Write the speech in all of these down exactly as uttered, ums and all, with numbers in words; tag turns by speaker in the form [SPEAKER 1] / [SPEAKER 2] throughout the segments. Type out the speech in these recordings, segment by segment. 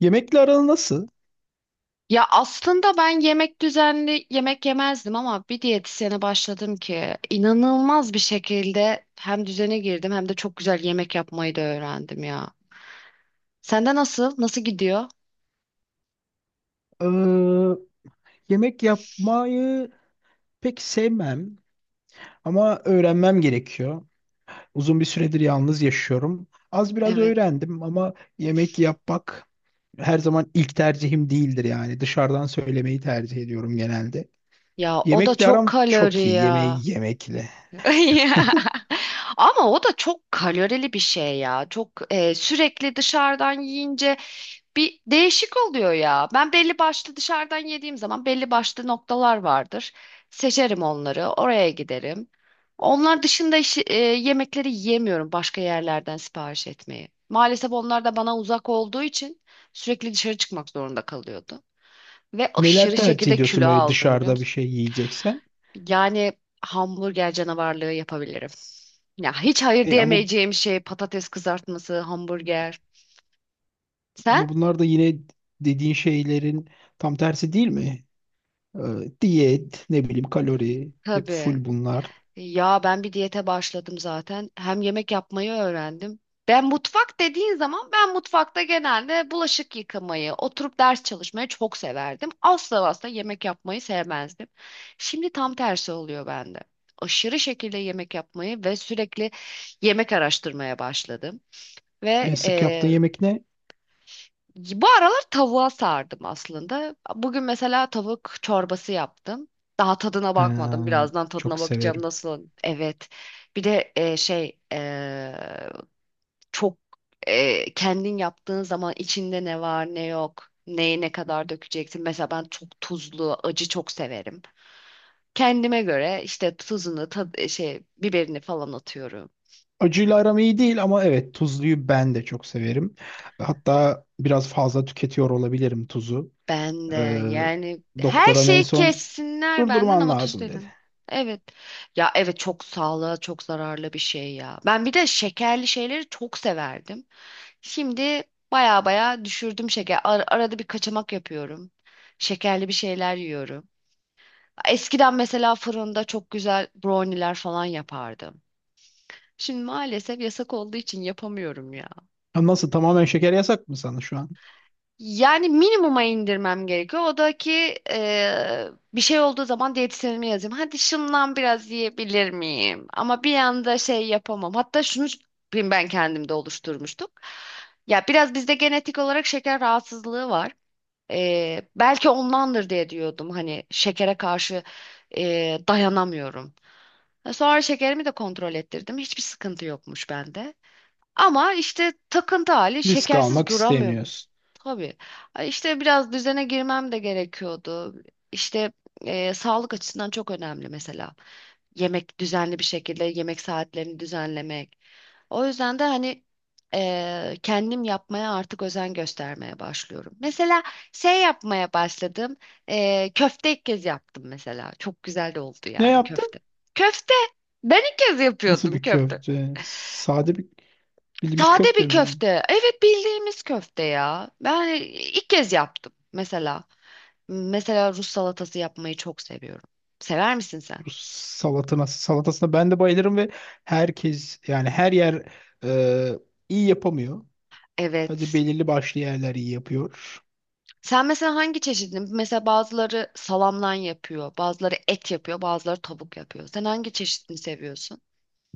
[SPEAKER 1] Yemekle aran nasıl?
[SPEAKER 2] Ya aslında ben yemek düzenli yemek yemezdim ama bir diyetisyene başladım ki inanılmaz bir şekilde hem düzene girdim hem de çok güzel yemek yapmayı da öğrendim ya. Sende nasıl? Nasıl gidiyor?
[SPEAKER 1] Ee, Yemek yapmayı pek sevmem ama öğrenmem gerekiyor. Uzun bir süredir yalnız yaşıyorum. Az biraz
[SPEAKER 2] Evet.
[SPEAKER 1] öğrendim ama yemek yapmak her zaman ilk tercihim değildir yani. Dışarıdan söylemeyi tercih ediyorum genelde.
[SPEAKER 2] Ya o da
[SPEAKER 1] Yemekle
[SPEAKER 2] çok
[SPEAKER 1] aram
[SPEAKER 2] kalori
[SPEAKER 1] çok iyi.
[SPEAKER 2] ya.
[SPEAKER 1] Yemeği yemekle.
[SPEAKER 2] Ya. Ama o da çok kalorili bir şey ya. Çok e, sürekli dışarıdan yiyince bir değişik oluyor ya. Ben belli başlı dışarıdan yediğim zaman belli başlı noktalar vardır. Seçerim onları, oraya giderim. Onlar dışında işi- e, yemekleri yiyemiyorum başka yerlerden sipariş etmeyi. Maalesef onlar da bana uzak olduğu için sürekli dışarı çıkmak zorunda kalıyordu. Ve
[SPEAKER 1] Neler
[SPEAKER 2] aşırı
[SPEAKER 1] tercih
[SPEAKER 2] şekilde
[SPEAKER 1] ediyorsun
[SPEAKER 2] kilo
[SPEAKER 1] böyle
[SPEAKER 2] aldım biliyor
[SPEAKER 1] dışarıda bir
[SPEAKER 2] musun?
[SPEAKER 1] şey yiyeceksen?
[SPEAKER 2] Yani hamburger canavarlığı yapabilirim. Ya hiç hayır
[SPEAKER 1] E ama
[SPEAKER 2] diyemeyeceğim şey patates kızartması, hamburger. Sen?
[SPEAKER 1] ama bunlar da yine dediğin şeylerin tam tersi değil mi? Ee, Diyet, ne bileyim kalori, hep
[SPEAKER 2] Tabii.
[SPEAKER 1] full bunlar.
[SPEAKER 2] Ya ben bir diyete başladım zaten. Hem yemek yapmayı öğrendim. Ben mutfak dediğin zaman ben mutfakta genelde bulaşık yıkamayı, oturup ders çalışmayı çok severdim. Asla asla yemek yapmayı sevmezdim. Şimdi tam tersi oluyor bende. Aşırı şekilde yemek yapmayı ve sürekli yemek araştırmaya başladım. Ve
[SPEAKER 1] En sık yaptığın yemek ne?
[SPEAKER 2] bu aralar tavuğa sardım aslında. Bugün mesela tavuk çorbası yaptım. Daha tadına
[SPEAKER 1] Ee,
[SPEAKER 2] bakmadım. Birazdan tadına
[SPEAKER 1] Çok
[SPEAKER 2] bakacağım
[SPEAKER 1] severim.
[SPEAKER 2] nasıl. Evet. Bir de e, şey e, çok e, kendin yaptığın zaman içinde ne var ne yok. Neyi ne kadar dökeceksin. Mesela ben çok tuzlu, acı çok severim. Kendime göre işte tuzunu, tad, şey biberini falan atıyorum.
[SPEAKER 1] Acıyla aram iyi değil ama evet tuzluyu ben de çok severim. Hatta biraz fazla tüketiyor olabilirim tuzu.
[SPEAKER 2] Ben de
[SPEAKER 1] Ee,
[SPEAKER 2] yani her
[SPEAKER 1] Doktoram en
[SPEAKER 2] şeyi
[SPEAKER 1] son
[SPEAKER 2] kessinler benden
[SPEAKER 1] durdurman
[SPEAKER 2] ama tuz
[SPEAKER 1] lazım dedi.
[SPEAKER 2] dedim. Evet. Ya evet çok sağlığa çok zararlı bir şey ya. Ben bir de şekerli şeyleri çok severdim. Şimdi baya baya düşürdüm şeker. Ar- arada bir kaçamak yapıyorum. Şekerli bir şeyler yiyorum. Eskiden mesela fırında çok güzel brownie'ler falan yapardım. Şimdi maalesef yasak olduğu için yapamıyorum ya.
[SPEAKER 1] Ha, nasıl tamamen şeker yasak mı sana şu an?
[SPEAKER 2] Yani minimuma indirmem gerekiyor. O da ki eee, bir şey olduğu zaman diyetisyenime yazayım. Hadi şundan biraz yiyebilir miyim? Ama bir anda şey yapamam. Hatta şunu ben ben kendimde oluşturmuştuk. Ya biraz bizde genetik olarak şeker rahatsızlığı var. Eee, belki ondandır diye diyordum. Hani şekere karşı eee, dayanamıyorum. E, Sonra şekerimi de kontrol ettirdim. Hiçbir sıkıntı yokmuş bende. Ama işte takıntı hali
[SPEAKER 1] Risk
[SPEAKER 2] şekersiz
[SPEAKER 1] almak
[SPEAKER 2] duramıyorum.
[SPEAKER 1] istemiyorsun.
[SPEAKER 2] Tabii. Ay İşte biraz düzene girmem de gerekiyordu. İşte e, sağlık açısından çok önemli mesela. Yemek düzenli bir şekilde yemek saatlerini düzenlemek. O yüzden de hani e, kendim yapmaya artık özen göstermeye başlıyorum. Mesela şey yapmaya başladım. E, köfte ilk kez yaptım mesela. Çok güzel de oldu
[SPEAKER 1] Ne
[SPEAKER 2] yani köfte.
[SPEAKER 1] yaptın?
[SPEAKER 2] Köfte! Ben ilk kez
[SPEAKER 1] Nasıl
[SPEAKER 2] yapıyordum
[SPEAKER 1] bir
[SPEAKER 2] köfte.
[SPEAKER 1] köfte? Sade bir bildiğimiz
[SPEAKER 2] Sade
[SPEAKER 1] köfte
[SPEAKER 2] bir
[SPEAKER 1] mi?
[SPEAKER 2] köfte. Evet bildiğimiz köfte ya. Ben hani, ilk kez yaptım mesela. Mesela Rus salatası yapmayı çok seviyorum. Sever misin sen?
[SPEAKER 1] Rus salatına, salatasına ben de bayılırım ve herkes yani her yer e, iyi yapamıyor. Sadece
[SPEAKER 2] Evet.
[SPEAKER 1] belirli başlı yerler iyi yapıyor.
[SPEAKER 2] Sen mesela hangi çeşidini? Mesela bazıları salamdan yapıyor, bazıları et yapıyor, bazıları tavuk yapıyor. Sen hangi çeşidini seviyorsun?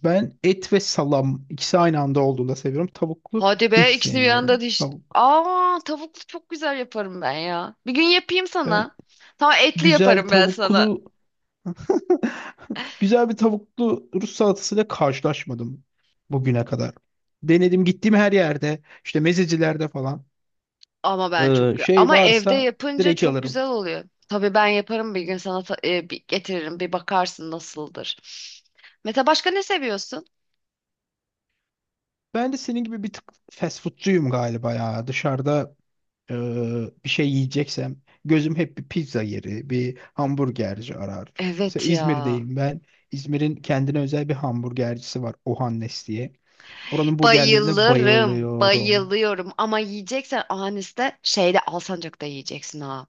[SPEAKER 1] Ben et ve salam ikisi aynı anda olduğunda seviyorum. Tavuklu
[SPEAKER 2] Hadi
[SPEAKER 1] hiç
[SPEAKER 2] be ikisini bir anda
[SPEAKER 1] sevmiyorum.
[SPEAKER 2] diş.
[SPEAKER 1] Tavuk.
[SPEAKER 2] Aa tavuklu çok güzel yaparım ben ya. Bir gün yapayım
[SPEAKER 1] Ben
[SPEAKER 2] sana. Tamam etli
[SPEAKER 1] güzel
[SPEAKER 2] yaparım ben sana.
[SPEAKER 1] tavuklu güzel bir tavuklu Rus salatasıyla karşılaşmadım bugüne kadar. Denedim gittiğim her yerde işte mezecilerde falan
[SPEAKER 2] Ama ben çok
[SPEAKER 1] e, şey
[SPEAKER 2] ama evde
[SPEAKER 1] varsa
[SPEAKER 2] yapınca
[SPEAKER 1] direkt
[SPEAKER 2] çok
[SPEAKER 1] alırım.
[SPEAKER 2] güzel oluyor. Tabii ben yaparım bir gün sana ta- e, bir getiririm bir bakarsın nasıldır. Mete başka ne seviyorsun?
[SPEAKER 1] Ben de senin gibi bir tık fast foodcuyum galiba ya. Dışarıda Ee, bir şey yiyeceksem gözüm hep bir pizza yeri, bir hamburgerci arar. Mesela
[SPEAKER 2] Evet ya.
[SPEAKER 1] İzmir'deyim ben. İzmir'in kendine özel bir hamburgercisi var Ohannes diye. Oranın burgerlerine
[SPEAKER 2] Bayılırım,
[SPEAKER 1] bayılıyorum.
[SPEAKER 2] bayılıyorum ama yiyeceksen Anis'te şeyde Alsancak'ta yiyeceksin ha.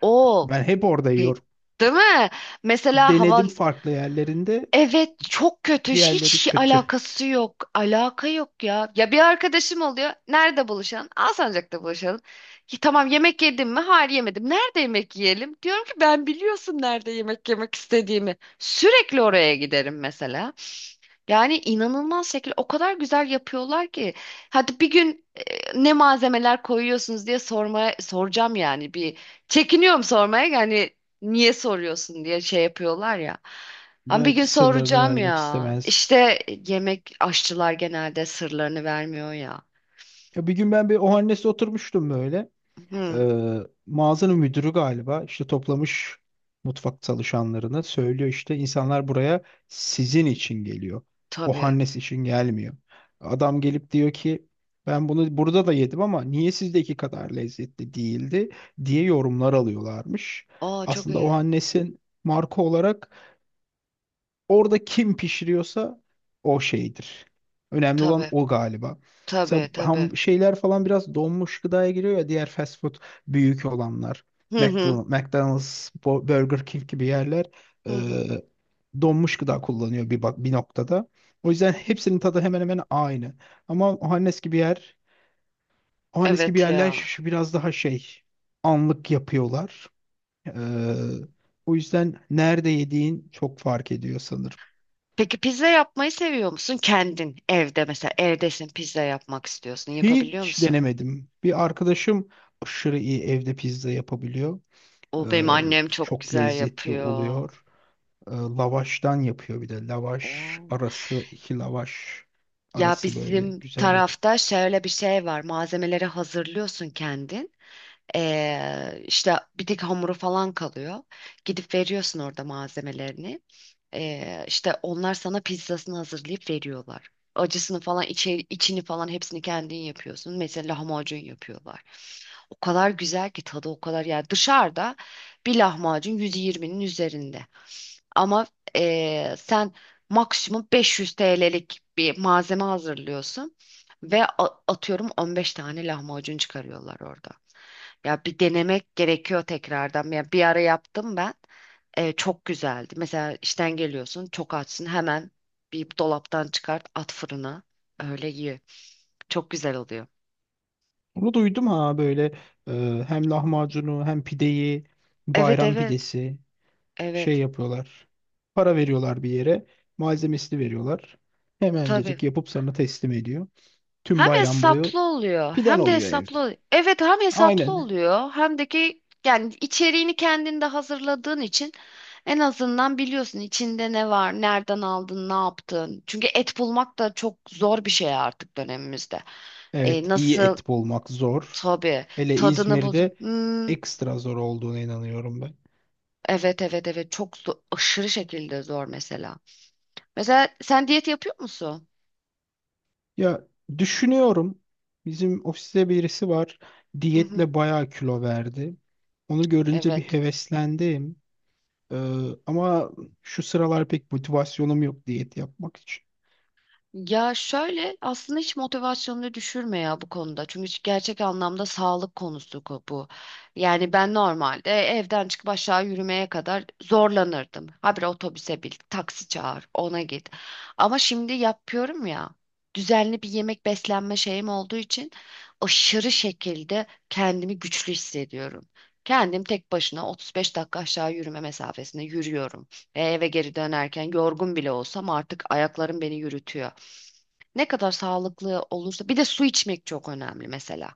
[SPEAKER 2] O
[SPEAKER 1] Ben hep orada
[SPEAKER 2] pe-
[SPEAKER 1] yiyorum.
[SPEAKER 2] Değil mi? Mesela hava
[SPEAKER 1] Denedim farklı yerlerinde.
[SPEAKER 2] evet çok kötü
[SPEAKER 1] Diğerleri
[SPEAKER 2] hiç
[SPEAKER 1] kötü.
[SPEAKER 2] alakası yok alaka yok ya ya bir arkadaşım oluyor nerede buluşalım Alsancak'ta buluşalım ki tamam yemek yedim mi hayır yemedim nerede yemek yiyelim diyorum ki ben biliyorsun nerede yemek yemek istediğimi sürekli oraya giderim mesela yani inanılmaz şekilde o kadar güzel yapıyorlar ki hadi bir gün e, ne malzemeler koyuyorsunuz diye sormaya soracağım yani bir çekiniyorum sormaya yani niye soruyorsun diye şey yapıyorlar ya ama bir gün
[SPEAKER 1] Belki sırlarını
[SPEAKER 2] soracağım
[SPEAKER 1] vermek
[SPEAKER 2] ya.
[SPEAKER 1] istemezler.
[SPEAKER 2] İşte yemek aşçılar genelde sırlarını vermiyor ya.
[SPEAKER 1] Ya bir gün ben bir Ohannes'te oturmuştum böyle.
[SPEAKER 2] Hı,
[SPEAKER 1] Ee, Mağazanın müdürü galiba işte toplamış mutfak çalışanlarını söylüyor işte insanlar buraya sizin için geliyor. O
[SPEAKER 2] tabii.
[SPEAKER 1] Hannes için gelmiyor. Adam gelip diyor ki ben bunu burada da yedim ama niye sizdeki kadar lezzetli değildi diye yorumlar alıyorlarmış.
[SPEAKER 2] Aa çok
[SPEAKER 1] Aslında o
[SPEAKER 2] iyi.
[SPEAKER 1] Hannes'in marka olarak orada kim pişiriyorsa o şeydir. Önemli olan
[SPEAKER 2] Tabii.
[SPEAKER 1] o galiba. Mesela
[SPEAKER 2] Tabii tabii.
[SPEAKER 1] ham şeyler falan biraz donmuş gıdaya giriyor ya diğer fast food büyük olanlar.
[SPEAKER 2] Hı hı.
[SPEAKER 1] McDonald's, McDonald's, Bo- Burger King gibi yerler
[SPEAKER 2] Hı
[SPEAKER 1] e,
[SPEAKER 2] hı.
[SPEAKER 1] donmuş gıda kullanıyor bir bak bir noktada. O yüzden hepsinin tadı hemen hemen aynı. Ama Ohannes gibi yer, Ohannes gibi
[SPEAKER 2] Evet
[SPEAKER 1] yerler
[SPEAKER 2] ya.
[SPEAKER 1] şu- biraz daha şey anlık yapıyorlar. E, O yüzden nerede yediğin çok fark ediyor sanırım.
[SPEAKER 2] Peki pizza yapmayı seviyor musun? Kendin evde mesela evdesin pizza yapmak istiyorsun. Yapabiliyor
[SPEAKER 1] Hiç
[SPEAKER 2] musun?
[SPEAKER 1] denemedim. Bir arkadaşım aşırı iyi evde pizza yapabiliyor. Ee,
[SPEAKER 2] O benim annem çok
[SPEAKER 1] Çok
[SPEAKER 2] güzel
[SPEAKER 1] lezzetli
[SPEAKER 2] yapıyor.
[SPEAKER 1] oluyor. Ee, lavaştan yapıyor bir de. Lavaş
[SPEAKER 2] O.
[SPEAKER 1] arası, iki lavaş
[SPEAKER 2] Ya
[SPEAKER 1] arası böyle
[SPEAKER 2] bizim
[SPEAKER 1] güzel yapıyor.
[SPEAKER 2] tarafta şöyle bir şey var. Malzemeleri hazırlıyorsun kendin. Ee, işte bir tek hamuru falan kalıyor. Gidip veriyorsun orada malzemelerini. Ee, işte onlar sana pizzasını hazırlayıp veriyorlar. Acısını falan içe, içini falan hepsini kendin yapıyorsun. Mesela lahmacun yapıyorlar. O kadar güzel ki tadı o kadar yani dışarıda bir lahmacun yüz yirminin üzerinde. Ama ee, sen maksimum beş yüz T L'lik bir malzeme hazırlıyorsun ve a- atıyorum on beş tane lahmacun çıkarıyorlar orada. Ya bir denemek gerekiyor tekrardan. Ya bir ara yaptım ben. E, çok güzeldi. Mesela işten geliyorsun, çok açsın hemen bir dolaptan çıkart, at fırına. Öyle ye. Çok güzel oluyor.
[SPEAKER 1] Onu duydum ha böyle e, hem lahmacunu hem pideyi
[SPEAKER 2] Evet
[SPEAKER 1] bayram
[SPEAKER 2] evet
[SPEAKER 1] pidesi şey
[SPEAKER 2] evet
[SPEAKER 1] yapıyorlar. Para veriyorlar bir yere. Malzemesini veriyorlar.
[SPEAKER 2] tabii.
[SPEAKER 1] Hemencecik yapıp sana teslim ediyor. Tüm
[SPEAKER 2] Hem
[SPEAKER 1] bayram boyu
[SPEAKER 2] hesaplı oluyor
[SPEAKER 1] piden
[SPEAKER 2] hem de
[SPEAKER 1] oluyor evde.
[SPEAKER 2] hesaplı oluyor. Evet hem hesaplı
[SPEAKER 1] Aynen.
[SPEAKER 2] oluyor hem de ki yani içeriğini kendinde hazırladığın için en azından biliyorsun içinde ne var, nereden aldın, ne yaptın. Çünkü et bulmak da çok zor bir şey artık dönemimizde. E,
[SPEAKER 1] Evet, iyi
[SPEAKER 2] nasıl?
[SPEAKER 1] et bulmak zor.
[SPEAKER 2] Tabii.
[SPEAKER 1] Hele
[SPEAKER 2] Tadını bul.
[SPEAKER 1] İzmir'de
[SPEAKER 2] Hmm,
[SPEAKER 1] ekstra zor olduğuna inanıyorum ben.
[SPEAKER 2] evet evet evet. Çok zor, aşırı şekilde zor mesela. Mesela sen diyet yapıyor musun?
[SPEAKER 1] Ya düşünüyorum. Bizim ofiste birisi var.
[SPEAKER 2] Hı hı.
[SPEAKER 1] Diyetle bayağı kilo verdi. Onu görünce bir
[SPEAKER 2] Evet.
[SPEAKER 1] heveslendim. Ee, Ama şu sıralar pek motivasyonum yok diyet yapmak için.
[SPEAKER 2] Ya şöyle aslında hiç motivasyonunu düşürme ya bu konuda. Çünkü gerçek anlamda sağlık konusu ko- bu. Yani ben normalde evden çıkıp aşağı yürümeye kadar zorlanırdım. Habire otobüse bin, taksi çağır, ona git. Ama şimdi yapıyorum ya. Düzenli bir yemek beslenme şeyim olduğu için aşırı şekilde kendimi güçlü hissediyorum. Kendim tek başına otuz beş dakika aşağı yürüme mesafesinde yürüyorum. Ve eve geri dönerken yorgun bile olsam artık ayaklarım beni yürütüyor. Ne kadar sağlıklı olursa bir de su içmek çok önemli mesela.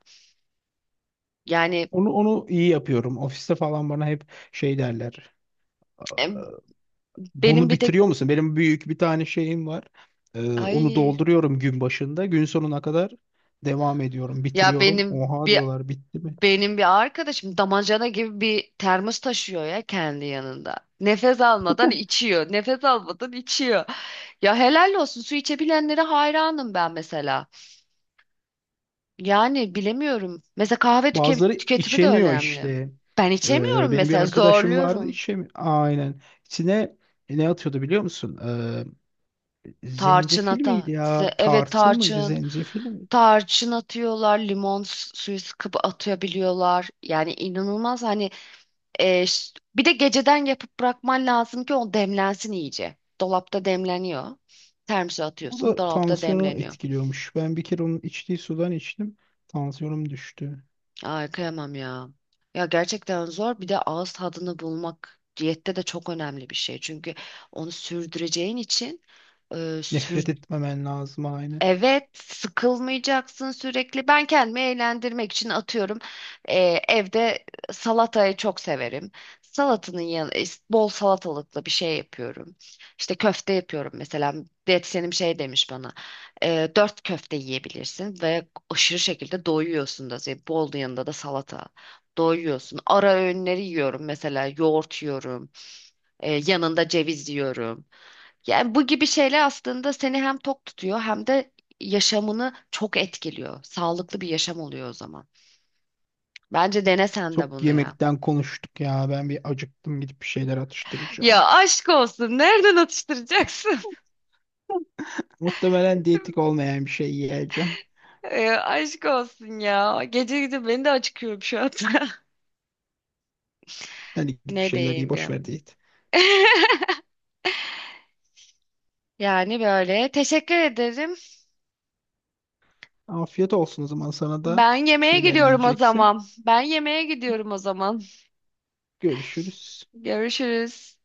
[SPEAKER 2] Yani
[SPEAKER 1] Onu onu iyi yapıyorum. Ofiste falan bana hep şey derler.
[SPEAKER 2] em, benim
[SPEAKER 1] Bunu
[SPEAKER 2] bir tek
[SPEAKER 1] bitiriyor musun? Benim büyük bir tane şeyim var. Ee, onu
[SPEAKER 2] ay
[SPEAKER 1] dolduruyorum gün başında. Gün sonuna kadar devam ediyorum,
[SPEAKER 2] ya
[SPEAKER 1] bitiriyorum.
[SPEAKER 2] benim
[SPEAKER 1] Oha
[SPEAKER 2] bir
[SPEAKER 1] diyorlar bitti mi?
[SPEAKER 2] benim bir arkadaşım damacana gibi bir termos taşıyor ya kendi yanında. Nefes almadan içiyor. Nefes almadan içiyor. Ya helal olsun su içebilenlere hayranım ben mesela. Yani bilemiyorum. Mesela kahve tüke-
[SPEAKER 1] Bazıları
[SPEAKER 2] tüketimi de
[SPEAKER 1] içemiyor
[SPEAKER 2] önemli.
[SPEAKER 1] işte.
[SPEAKER 2] Ben
[SPEAKER 1] Ee,
[SPEAKER 2] içemiyorum
[SPEAKER 1] benim bir
[SPEAKER 2] mesela
[SPEAKER 1] arkadaşım vardı
[SPEAKER 2] zorluyorum.
[SPEAKER 1] içemiyor. Aynen. İçine ne atıyordu biliyor musun? Ee,
[SPEAKER 2] Tarçın
[SPEAKER 1] zencefil
[SPEAKER 2] ata.
[SPEAKER 1] miydi
[SPEAKER 2] Size
[SPEAKER 1] ya?
[SPEAKER 2] evet
[SPEAKER 1] Tarçın mıydı?
[SPEAKER 2] tarçın.
[SPEAKER 1] Zencefil mi?
[SPEAKER 2] Tarçın atıyorlar, limon s- suyu sıkıp atabiliyorlar. Yani inanılmaz hani e, ş- bir de geceden yapıp bırakman lazım ki o demlensin iyice. Dolapta demleniyor. Termose
[SPEAKER 1] O
[SPEAKER 2] atıyorsun,
[SPEAKER 1] da
[SPEAKER 2] dolapta
[SPEAKER 1] tansiyonu
[SPEAKER 2] demleniyor.
[SPEAKER 1] etkiliyormuş. Ben bir kere onun içtiği sudan içtim. Tansiyonum düştü.
[SPEAKER 2] Ay kıyamam ya. Ya gerçekten zor. Bir de ağız tadını bulmak diyette de çok önemli bir şey. Çünkü onu sürdüreceğin için e,
[SPEAKER 1] Nefret
[SPEAKER 2] sür.
[SPEAKER 1] etmemen lazım aynı.
[SPEAKER 2] Evet, sıkılmayacaksın sürekli. Ben kendimi eğlendirmek için atıyorum. e, Evde salatayı çok severim. Salatanın yanı e, Bol salatalıklı bir şey yapıyorum. İşte köfte yapıyorum mesela. Diyetisyenim şey demiş bana. E, dört köfte yiyebilirsin ve aşırı şekilde doyuyorsun da. Yani bol yanında da salata. Doyuyorsun. Ara öğünleri yiyorum mesela. Yoğurt yiyorum. E, yanında ceviz yiyorum. Yani bu gibi şeyler aslında seni hem tok tutuyor hem de yaşamını çok etkiliyor. Sağlıklı bir yaşam oluyor o zaman. Bence dene sen de
[SPEAKER 1] Çok
[SPEAKER 2] bunu ya.
[SPEAKER 1] yemekten konuştuk ya. Ben bir acıktım gidip bir şeyler
[SPEAKER 2] Ya
[SPEAKER 1] atıştıracağım.
[SPEAKER 2] aşk olsun. Nereden atıştıracaksın?
[SPEAKER 1] Muhtemelen diyetik olmayan bir şey yiyeceğim.
[SPEAKER 2] E, aşk olsun ya. Gece gece beni de acıkıyorum şu anda.
[SPEAKER 1] Hani git bir
[SPEAKER 2] Ne
[SPEAKER 1] şeyler ye
[SPEAKER 2] diyeyim
[SPEAKER 1] boş
[SPEAKER 2] ya.
[SPEAKER 1] ver diyet.
[SPEAKER 2] Yani böyle. Teşekkür ederim.
[SPEAKER 1] Afiyet olsun o zaman sana da
[SPEAKER 2] Ben
[SPEAKER 1] bir
[SPEAKER 2] yemeğe
[SPEAKER 1] şeyler
[SPEAKER 2] gidiyorum o
[SPEAKER 1] yiyeceksin.
[SPEAKER 2] zaman. Ben yemeğe gidiyorum o zaman.
[SPEAKER 1] Görüşürüz.
[SPEAKER 2] Görüşürüz.